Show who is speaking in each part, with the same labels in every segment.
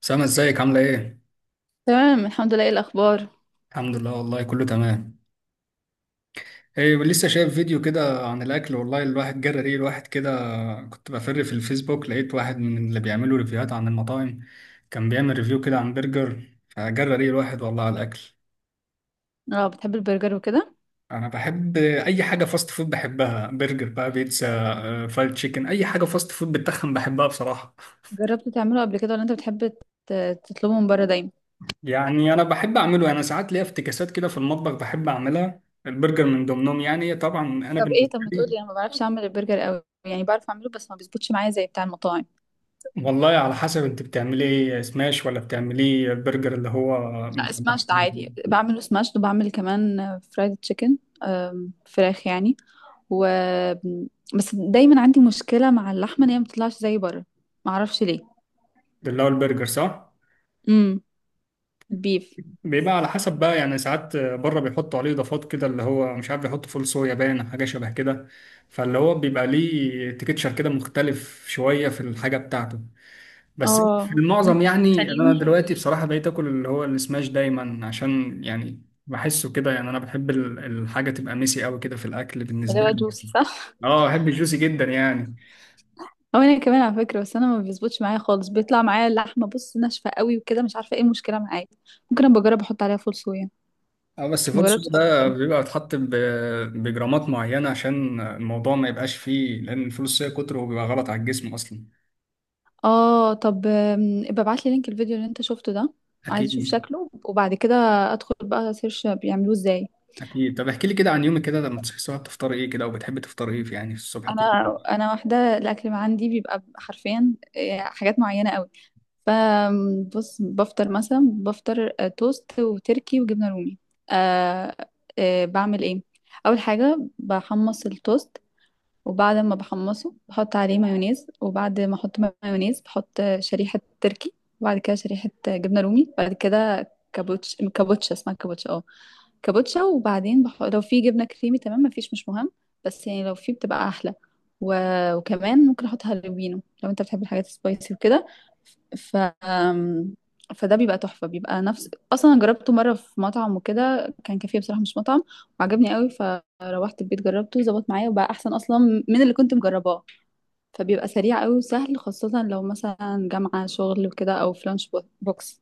Speaker 1: سامة، ازيك؟ عاملة ايه؟
Speaker 2: تمام الحمد لله، ايه الاخبار؟
Speaker 1: الحمد لله، والله كله تمام. ايه لسه شايف فيديو كده عن الاكل، والله الواحد جرى ريه الواحد كده. كنت بفر في الفيسبوك، لقيت واحد من اللي بيعملوا ريفيوهات عن المطاعم، كان بيعمل ريفيو كده عن برجر، فجرى ريه الواحد والله على الاكل.
Speaker 2: اه، بتحب البرجر وكده؟
Speaker 1: انا بحب اي حاجة فاست فود بحبها، برجر بقى، بيتزا، فرايد تشيكن، اي حاجة فاست فود بتخن بحبها بصراحة.
Speaker 2: جربت تعمله قبل كده ولا انت بتحب تطلبه من بره دايما؟
Speaker 1: يعني انا بحب اعمله، انا ساعات ليا افتكاسات كده في المطبخ بحب اعملها، البرجر من ضمنهم. يعني طبعا انا
Speaker 2: طب ايه،
Speaker 1: بالنسبة
Speaker 2: طب ما
Speaker 1: لي،
Speaker 2: تقولي، انا ما بعرفش اعمل البرجر قوي، يعني بعرف اعمله بس ما بيظبطش معايا زي بتاع المطاعم.
Speaker 1: والله على حسب انت بتعملي ايه، سماش ولا بتعملي البرجر اللي هو،
Speaker 2: لا، سماشت عادي، بعمله سماشت وبعمل كمان فرايد تشيكن فراخ يعني. و بس دايما عندي مشكله مع اللحمه ان هي ما بتطلعش زي بره. ما اعرفش ليه.
Speaker 1: اللي هو البرجر صح؟
Speaker 2: امم. البيف.
Speaker 1: بيبقى على حسب بقى، يعني ساعات بره بيحطوا عليه اضافات كده اللي هو مش عارف، بيحطوا فول صويا، باين حاجه شبه كده. فاللي هو بيبقى ليه تكتشر كده مختلف شويه في الحاجه بتاعته. بس في
Speaker 2: اه،
Speaker 1: المعظم، يعني انا دلوقتي
Speaker 2: بيخليه
Speaker 1: بصراحه بقيت اكل اللي هو السماش دايما، عشان يعني بحسه كده، يعني انا بحب الحاجه تبقى ميسي قوي كده في الاكل
Speaker 2: اللي
Speaker 1: بالنسبه
Speaker 2: هو
Speaker 1: لي.
Speaker 2: جوسي صح؟
Speaker 1: اه بحب الجوسي جدا يعني.
Speaker 2: هو انا كمان على فكره، بس انا ما بيظبطش معايا خالص، بيطلع معايا اللحمه بص ناشفه قوي وكده، مش عارفه ايه المشكله معايا. ممكن ابقى اجرب احط عليها فول صويا.
Speaker 1: اه بس
Speaker 2: ما
Speaker 1: فول سوق
Speaker 2: جربتش قبل
Speaker 1: ده
Speaker 2: كده.
Speaker 1: بيبقى متحط بجرامات معينة، عشان الموضوع ما يبقاش فيه، لأن الفول الصويا كتره بيبقى غلط على الجسم أصلا.
Speaker 2: اه طب، ابقى ابعت لي لينك الفيديو اللي انت شفته ده. عايزه اشوف
Speaker 1: أكيد.
Speaker 2: شكله، وبعد كده ادخل بقى سيرش بيعملوه ازاي.
Speaker 1: أكيد. طب احكي لي كده عن يومك كده، لما بتصحي الصبح بتفطري إيه كده، وبتحبي تفطري إيه يعني في الصبح كل
Speaker 2: انا
Speaker 1: يوم؟
Speaker 2: انا واحده، الاكل ما عندي بيبقى حرفيا حاجات معينه قوي. فبص، بفطر مثلا، بفطر توست وتركي وجبنه رومي. أه. أه، بعمل ايه. اول حاجه بحمص التوست، وبعد ما بحمصه بحط عليه مايونيز، وبعد ما احط مايونيز بحط شريحة تركي، وبعد كده شريحة جبنة رومي، بعد كده كابوتشا، اسمها كابوتشا، اه. كابوتشا، وبعدين لو في جبنة كريمي تمام، مفيش مش مهم، بس يعني لو في بتبقى أحلى. و... وكمان ممكن أحط هالوبينو لو أنت بتحب الحاجات السبايسي وكده. ف أم، فده بيبقى تحفة، بيبقى نفس، أصلا أنا جربته مرة في مطعم وكده، كان كافيه بصراحة مش مطعم، وعجبني قوي. روحت البيت جربته ظبط معايا وبقى احسن اصلا من اللي كنت مجرباه. فبيبقى سريع قوي وسهل، خاصة لو مثلا جامعة شغل وكده او في لانش بوكس.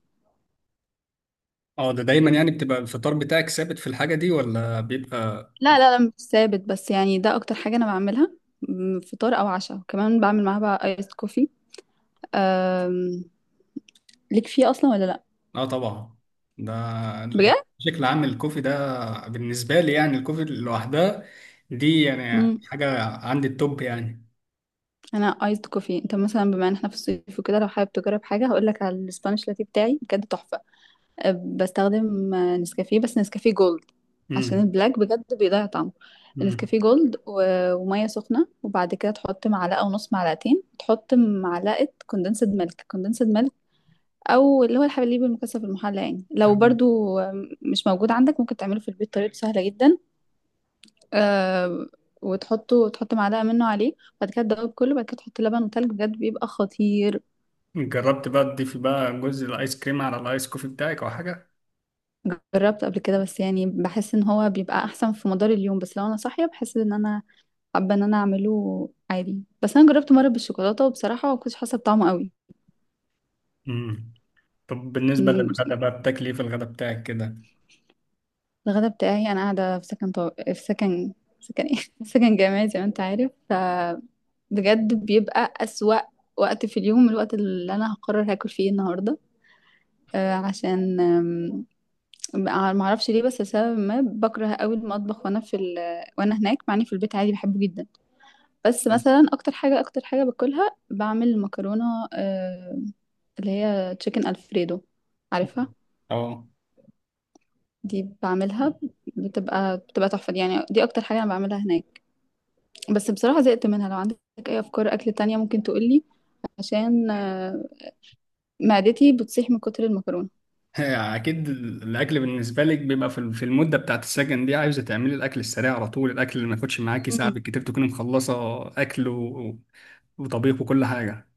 Speaker 1: أه، ده دايما يعني بتبقى الفطار بتاعك ثابت في الحاجة دي ولا بيبقى؟
Speaker 2: لا، لا، لا، مش ثابت، بس يعني ده اكتر حاجة انا بعملها. فطار او عشاء كمان بعمل معاها بقى ايس كوفي. أم... ليك فيه اصلا ولا لا؟
Speaker 1: أه طبعا. ده يعني
Speaker 2: بجد؟
Speaker 1: بشكل عام، الكوفي ده بالنسبة لي، يعني الكوفي لوحدها دي يعني
Speaker 2: امم.
Speaker 1: حاجة عندي التوب يعني.
Speaker 2: انا ايس كوفي، انت مثلا بما ان احنا في الصيف وكده، لو حابب تجرب حاجة هقول لك على الاسبانيش لاتيه بتاعي بجد تحفة. بستخدم نسكافيه، بس نسكافيه جولد، عشان
Speaker 1: امم.
Speaker 2: البلاك بجد بيضيع طعمه. نسكافيه جولد وميه سخنه، وبعد كده تحط معلقه ونص، معلقتين تحط معلقه كوندنسد ميلك كوندنسد ميلك، او اللي هو الحليب المكثف المحلى، يعني لو
Speaker 1: امم.
Speaker 2: برضو مش موجود عندك ممكن تعمله في البيت، طريقته سهله جدا. آه وتحطه، تحط معلقه منه عليه، بعد كده تدوب كله، بعد كده تحط لبن وتلج، بجد بيبقى خطير.
Speaker 1: جربت بقى تضيفي بقى جزء الايس كريم على الايس كوفي بتاعك او حاجه؟
Speaker 2: جربت قبل كده، بس يعني بحس ان هو بيبقى احسن في مدار اليوم، بس لو انا صاحيه بحس ان انا حابة ان انا اعمله عادي، بس انا جربت مرة بالشوكولاتة وبصراحة ما كنتش حاسة بطعمه قوي.
Speaker 1: امم. طب بالنسبه
Speaker 2: م-
Speaker 1: للغدا بقى، بتاكلي ايه في الغدا بتاعك كده؟
Speaker 2: الغدا بتاعي، انا قاعدة في سكن في سكن، سكن ايه سكن جامعي، زي ما انت عارف. فبجد بيبقى أسوأ وقت في اليوم، الوقت اللي انا هقرر هاكل فيه النهاردة. عشان ما اعرفش ليه، بس لسبب ما بكره قوي المطبخ وانا في وانا هناك، مع اني في البيت عادي بحبه جدا. بس مثلا اكتر حاجه باكلها بعمل مكرونه، آه، اللي هي تشيكن الفريدو، عارفها؟
Speaker 1: اه.
Speaker 2: دي بعملها، بتبقى تحفة دي، يعني دي اكتر حاجة انا بعملها هناك. بس بصراحة زهقت منها، لو عندك اي افكار اكل تانية ممكن تقولي، عشان معدتي بتصيح من كتر المكرونة.
Speaker 1: اكيد الاكل بالنسبه لك بيبقى في في المده بتاعت السكن دي، عايزه تعملي الاكل السريع على طول، الاكل اللي ما ياخدش معاكي ساعه
Speaker 2: مم.
Speaker 1: بالكتير تكوني مخلصه اكل وطبيخ وكل حاجه.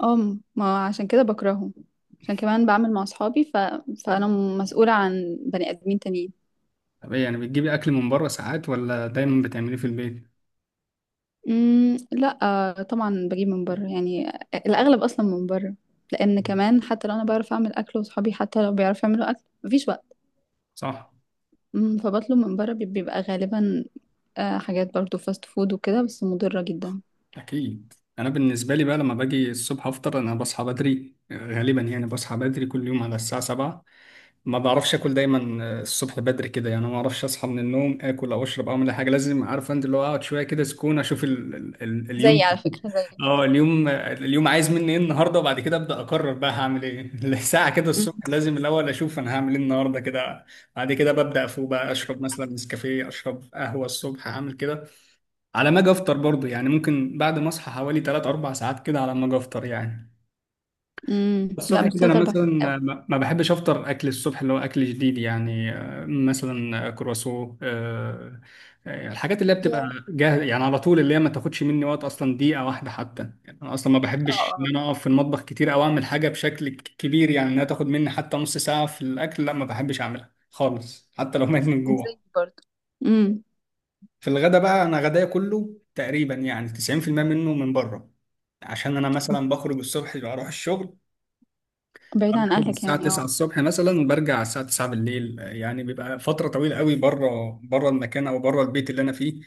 Speaker 2: اه، ما عشان كده بكرههم، عشان كمان بعمل مع اصحابي. فانا مسؤولة عن بني ادمين تانيين.
Speaker 1: طب ايه، يعني بتجيبي اكل من بره ساعات ولا دايما بتعمليه في البيت؟
Speaker 2: امم، لا. طبعا بجيب من بره يعني، الاغلب اصلا من بره، لان كمان حتى لو انا بعرف اعمل اكل واصحابي حتى لو بيعرفوا يعملوا اكل مفيش وقت.
Speaker 1: صح.
Speaker 2: فبطلب من بره، بيبقى غالبا حاجات برضو فاست فود وكده، بس مضرة جدا.
Speaker 1: أكيد. أنا بالنسبة لي بقى لما باجي الصبح أفطر، أنا بصحى بدري غالبا، يعني بصحى بدري كل يوم على الساعة سبعة. ما بعرفش آكل دايما الصبح بدري كده، يعني ما بعرفش أصحى من النوم آكل أو أشرب أو أعمل أي حاجة، لازم عارف أنت اللي هو أقعد شوية كده سكون أشوف ال
Speaker 2: زي
Speaker 1: اليوم.
Speaker 2: على فكرة زي.
Speaker 1: أه اليوم، اليوم عايز مني إيه النهاردة، وبعد كده أبدأ أقرر بقى هعمل إيه. ساعة كده
Speaker 2: مم.
Speaker 1: الصبح لازم الأول أشوف أنا هعمل إيه النهاردة كده. بعد كده ببدأ أفوق بقى، أشرب مثلا نسكافيه، أشرب قهوة الصبح هعمل كده. على ما اجي افطر برضه، يعني ممكن بعد ما اصحى حوالي 3 4 ساعات كده على ما اجي افطر يعني.
Speaker 2: مم. لا،
Speaker 1: الصبح
Speaker 2: مش
Speaker 1: كده انا
Speaker 2: تلات أربع
Speaker 1: مثلا
Speaker 2: ساعات أوي.
Speaker 1: ما بحبش افطر اكل الصبح اللي هو اكل جديد، يعني آه، مثلا كرواسو، آه، الحاجات اللي هي بتبقى
Speaker 2: yeah.
Speaker 1: جاهزه يعني على طول، اللي هي ما تاخدش مني وقت اصلا دقيقه واحده حتى، يعني انا اصلا ما
Speaker 2: اه.
Speaker 1: بحبش ان
Speaker 2: اه.
Speaker 1: انا اقف في المطبخ كتير او اعمل حاجه بشكل كبير يعني، انها تاخد مني حتى نص ساعه في الاكل، لا ما بحبش اعملها خالص حتى لو مات من جوع.
Speaker 2: زي برضو. مم.
Speaker 1: في الغدا بقى، انا غدايا كله تقريبا يعني 90% منه من بره، عشان انا مثلا بخرج الصبح بروح الشغل،
Speaker 2: بعيد عن
Speaker 1: بخرج
Speaker 2: أهلك
Speaker 1: الساعة
Speaker 2: يعني،
Speaker 1: 9
Speaker 2: اه.
Speaker 1: الصبح مثلا برجع الساعة 9 بالليل، يعني بيبقى فترة طويلة قوي بره، بره المكان او بره البيت اللي انا فيه.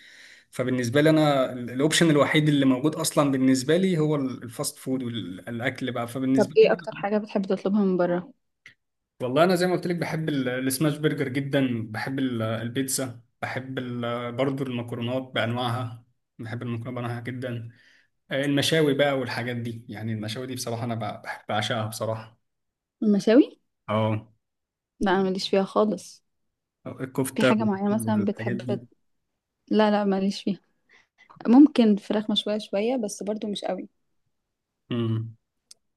Speaker 1: فبالنسبة لي انا الاوبشن الوحيد اللي موجود اصلا بالنسبة لي هو الفاست فود والاكل بقى،
Speaker 2: طب
Speaker 1: فبالنسبة
Speaker 2: ايه
Speaker 1: لي،
Speaker 2: أكتر حاجة بتحب تطلبها من بره؟
Speaker 1: والله انا زي ما قلت لك بحب السماش برجر جدا، بحب البيتزا، بحب برضو المكرونات بانواعها، بحب المكرونه بانواعها جدا. المشاوي بقى والحاجات دي، يعني المشاوي دي بصراحة أنا بحب بعشقها بصراحة.
Speaker 2: المشاوي؟
Speaker 1: اه،
Speaker 2: لا، أنا ماليش فيها خالص. في
Speaker 1: الكفتة
Speaker 2: حاجة معينة مثلا
Speaker 1: والحاجات
Speaker 2: بتحب
Speaker 1: دي.
Speaker 2: لا، لا، ماليش فيها. ممكن فراخ مشوية شوية، بس برضو مش قوي.
Speaker 1: امم.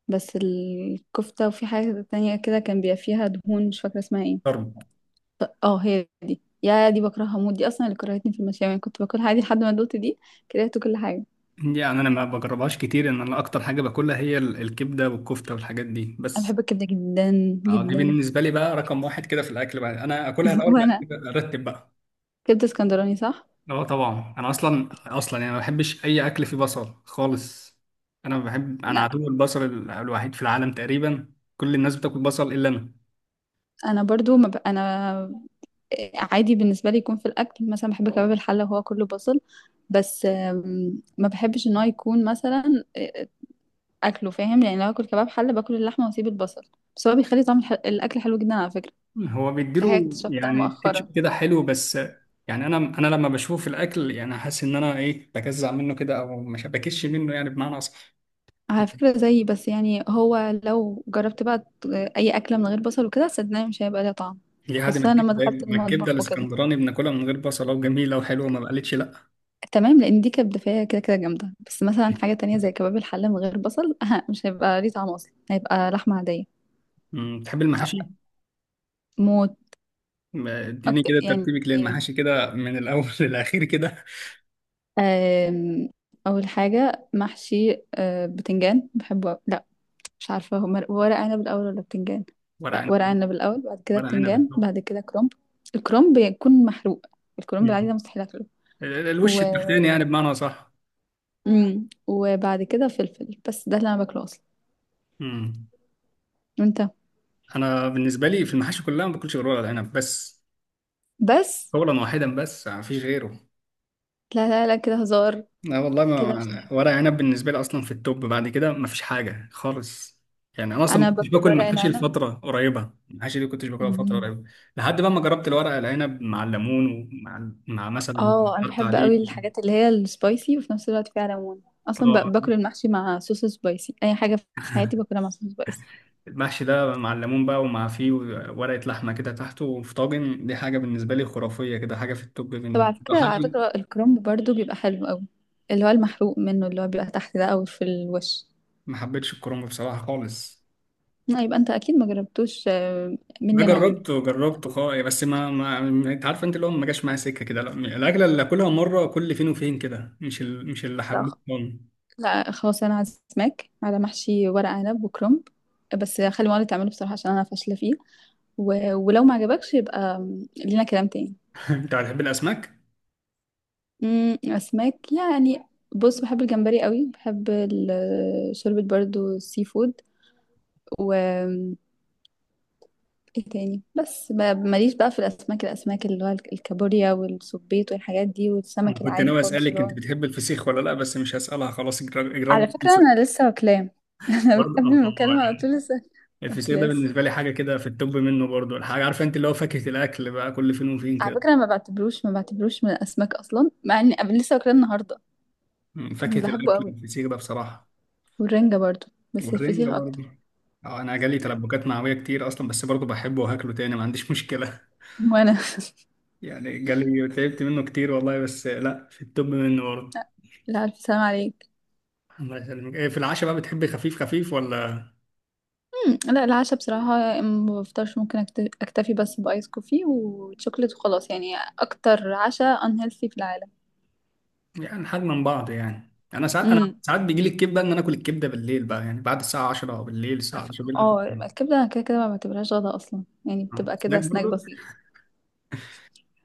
Speaker 2: بس الكفتة، وفي حاجة تانية كده كان بيبقى فيها دهون مش فاكرة اسمها ايه.
Speaker 1: طرب.
Speaker 2: اه، هي دي، يا دي بكرهها موت، دي اصلا اللي كرهتني في المشاوي، يعني كنت باكلها عادي لحد ما دوت دي كرهت كل حاجه.
Speaker 1: يعني أنا ما بجربهاش كتير، إن أنا أكتر حاجة باكلها هي الكبدة والكفتة والحاجات دي
Speaker 2: انا بحب
Speaker 1: بس.
Speaker 2: الكبده جدا.
Speaker 1: اه دي
Speaker 2: جدا.
Speaker 1: بالنسبة لي بقى رقم واحد كده في الأكل بقى، أنا أكلها الأول بعد
Speaker 2: وانا،
Speaker 1: كده أرتب بقى.
Speaker 2: كبده اسكندراني صح؟
Speaker 1: اه طبعا أنا أصلا، يعني ما بحبش أي أكل فيه بصل خالص. أنا بحب، أنا
Speaker 2: لا،
Speaker 1: عدو البصل الوحيد في العالم تقريبا، كل الناس بتاكل بصل إلا أنا.
Speaker 2: انا برضو ما انا عادي بالنسبه لي يكون في الاكل، مثلا بحب كباب الحله وهو كله بصل، بس ما بحبش ان هو يكون مثلا اكله، فاهم؟ يعني لو اكل كباب حله باكل اللحمه واسيب البصل. بس هو بيخلي طعم الاكل حلو جدا على فكره.
Speaker 1: هو
Speaker 2: دي حاجه
Speaker 1: بيديله
Speaker 2: اكتشفتها
Speaker 1: يعني
Speaker 2: مؤخرا.
Speaker 1: كاتشب كده حلو بس، يعني انا لما بشوف الاكل يعني حاسس ان انا ايه، بجزع منه كده او مش بكش منه يعني بمعنى اصح.
Speaker 2: على فكرة زيي، بس يعني هو لو جربت بقى أي أكلة من غير بصل وكده صدقني مش هيبقى ليها طعم،
Speaker 1: دي عادي ما
Speaker 2: خاصة لما
Speaker 1: الكبده،
Speaker 2: دخلت
Speaker 1: ما الكبده
Speaker 2: المطبخ وكده.
Speaker 1: الاسكندراني بناكلها من غير بصله وجميله وحلوه ما بقالتش لا.
Speaker 2: تمام، لأن دي كانت دفاية كده كده جامدة، بس مثلا حاجة تانية زي كباب الحلة من غير بصل، أه مش هيبقى ليه طعم أصلا، هيبقى لحمة عادية.
Speaker 1: أمم، بتحب
Speaker 2: آه،
Speaker 1: المحاشي؟
Speaker 2: موت.
Speaker 1: ما- اديني
Speaker 2: أكتر
Speaker 1: كده
Speaker 2: يعني،
Speaker 1: ترتيبك للمحاشي كده من الاول للاخير كده.
Speaker 2: آم، أول حاجة محشي بتنجان، بحبه، لا مش عارفة هما ورق عنب الأول ولا بتنجان.
Speaker 1: ورق
Speaker 2: لا،
Speaker 1: عنب.
Speaker 2: ورق عنب الأول، بعد كده
Speaker 1: ورق عنب
Speaker 2: بتنجان،
Speaker 1: الطبق.
Speaker 2: بعد كده كرنب. الكرنب بيكون محروق. الكرنب العادي ده
Speaker 1: أمم.
Speaker 2: مستحيل أكله.
Speaker 1: الوش
Speaker 2: و...
Speaker 1: التحتاني يعني بمعنى صح.
Speaker 2: مم. وبعد كده فلفل، بس ده اللي أنا باكله أصلا. وأنت؟
Speaker 1: انا بالنسبه لي في المحاشي كلها ما باكلش غير ورق العنب بس،
Speaker 2: بس.
Speaker 1: قولا واحدا بس ما فيش غيره.
Speaker 2: لا، لا، لا، كده هزار.
Speaker 1: لا والله،
Speaker 2: كده مش نافع.
Speaker 1: ما ورق عنب بالنسبة لي أصلا في التوب، بعد كده مفيش حاجة خالص. يعني أنا أصلا
Speaker 2: أنا
Speaker 1: ما كنتش
Speaker 2: باكل
Speaker 1: باكل
Speaker 2: ورق
Speaker 1: محاشي
Speaker 2: العنب.
Speaker 1: لفترة قريبة، المحاشي دي كنتش باكلها لفترة
Speaker 2: مم.
Speaker 1: قريبة، لحد بقى ما جربت الورق العنب مع الليمون، ومع مثلا
Speaker 2: اه، أنا
Speaker 1: حط
Speaker 2: بحب
Speaker 1: عليه،
Speaker 2: قوي الحاجات اللي هي السبايسي وفي نفس الوقت فيها ليمون، أصلا
Speaker 1: اه.
Speaker 2: باكل المحشي مع صوص سبايسي، أي حاجة في حياتي باكلها مع صوص سبايسي.
Speaker 1: المحشي ده مع الليمون بقى، ومع فيه ورقة لحمة كده تحته في طاجن، دي حاجة بالنسبة لي خرافية كده، حاجة في التوب
Speaker 2: طب
Speaker 1: منه.
Speaker 2: على فكرة على
Speaker 1: حاجة
Speaker 2: فكرة الكرنب برضو بيبقى حلو قوي، اللي هو المحروق منه، اللي هو بيبقى تحت ده أو في الوش.
Speaker 1: ما حبيتش الكرنب بصراحة خالص،
Speaker 2: لا، يبقى أنت أكيد ما جربتوش
Speaker 1: ده
Speaker 2: مني أنا وأمي.
Speaker 1: جربته جربته خالص، بس ما انت عارف انت اللي هو ما جاش معايا سكه كده، لا الاكله اللي اكلها مره كل فين وفين كده، مش اللي
Speaker 2: لا خ-
Speaker 1: حبيتها.
Speaker 2: لا خلاص، أنا عازماك على محشي ورق عنب وكرنب، بس خلي مامتي تعمله بصراحة عشان أنا فاشلة فيه. ولو ما عجبكش يبقى لينا كلام تاني.
Speaker 1: انت بتحب الاسماك؟
Speaker 2: أسماك يعني؟ بص، بحب الجمبري قوي، بحب شوربة برضو السي فود. ايه تاني، بس ماليش بقى في الاسماك اللي هو الكابوريا والسبيط والحاجات دي، والسمك
Speaker 1: انا كنت
Speaker 2: العادي
Speaker 1: ناوي
Speaker 2: خالص اللي
Speaker 1: اسالك انت
Speaker 2: هو
Speaker 1: بتحب الفسيخ ولا لا، بس مش هسالها خلاص، اجراد
Speaker 2: على
Speaker 1: اجراد.
Speaker 2: فكره انا لسه واكلاه. انا
Speaker 1: برضه
Speaker 2: قبل ما
Speaker 1: الله
Speaker 2: المكالمه على
Speaker 1: يعني.
Speaker 2: طول لسه
Speaker 1: الفسيخ ده
Speaker 2: واكلاس.
Speaker 1: بالنسبه لي حاجه كده في التوب منه برضه، الحاجه عارفه انت اللي هو فاكهه الاكل بقى كل فين وفين
Speaker 2: على
Speaker 1: كده.
Speaker 2: فكره أنا ما بعتبروش من الاسماك اصلا، مع اني قبل لسه واكلاه النهارده.
Speaker 1: فاكهه
Speaker 2: بحبه
Speaker 1: الاكل
Speaker 2: قوي،
Speaker 1: الفسيخ ده بصراحه.
Speaker 2: والرنجه برضو، بس
Speaker 1: والرنجة
Speaker 2: الفسيخ
Speaker 1: برضه.
Speaker 2: اكتر.
Speaker 1: اه انا جالي تلبكات معويه كتير اصلا بس برضه بحبه وهاكله تاني، ما عنديش مشكله.
Speaker 2: وانا.
Speaker 1: يعني جالي تعبت منه كتير والله، بس لا في التوب منه برضه.
Speaker 2: لا، الف سلام عليك.
Speaker 1: الله يسلمك. إيه في العشاء بقى، بتحبي خفيف خفيف ولا؟
Speaker 2: لا العشاء بصراحه ما بفطرش، ممكن اكتفي بس بايس كوفي وشوكليت وخلاص، يعني اكتر عشاء unhealthy في
Speaker 1: يعني حاجة من بعض يعني، انا ساعات انا
Speaker 2: العالم.
Speaker 1: ساعات بيجي لي الكبده ان انا اكل الكبده بالليل بقى، يعني بعد الساعه 10 بالليل، الساعه 10 بالليل اكل
Speaker 2: اه،
Speaker 1: كبدة.
Speaker 2: الكبدة انا كده كده ما بعتبرهاش غدا اصلا، يعني
Speaker 1: آه.
Speaker 2: بتبقى كده
Speaker 1: هناك
Speaker 2: سناك
Speaker 1: برضه.
Speaker 2: بسيط.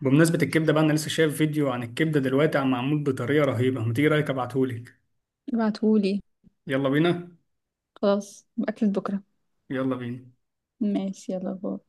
Speaker 1: بمناسبه الكبده بقى، انا لسه شايف فيديو عن الكبده دلوقتي عم معمول بطريقه رهيبه، ما تيجي رايك ابعتهولك؟
Speaker 2: ابعتهولي.
Speaker 1: يلا بينا.
Speaker 2: خلاص، اكلة بكرة.
Speaker 1: يلا بينا.
Speaker 2: ماشي، يلا باي.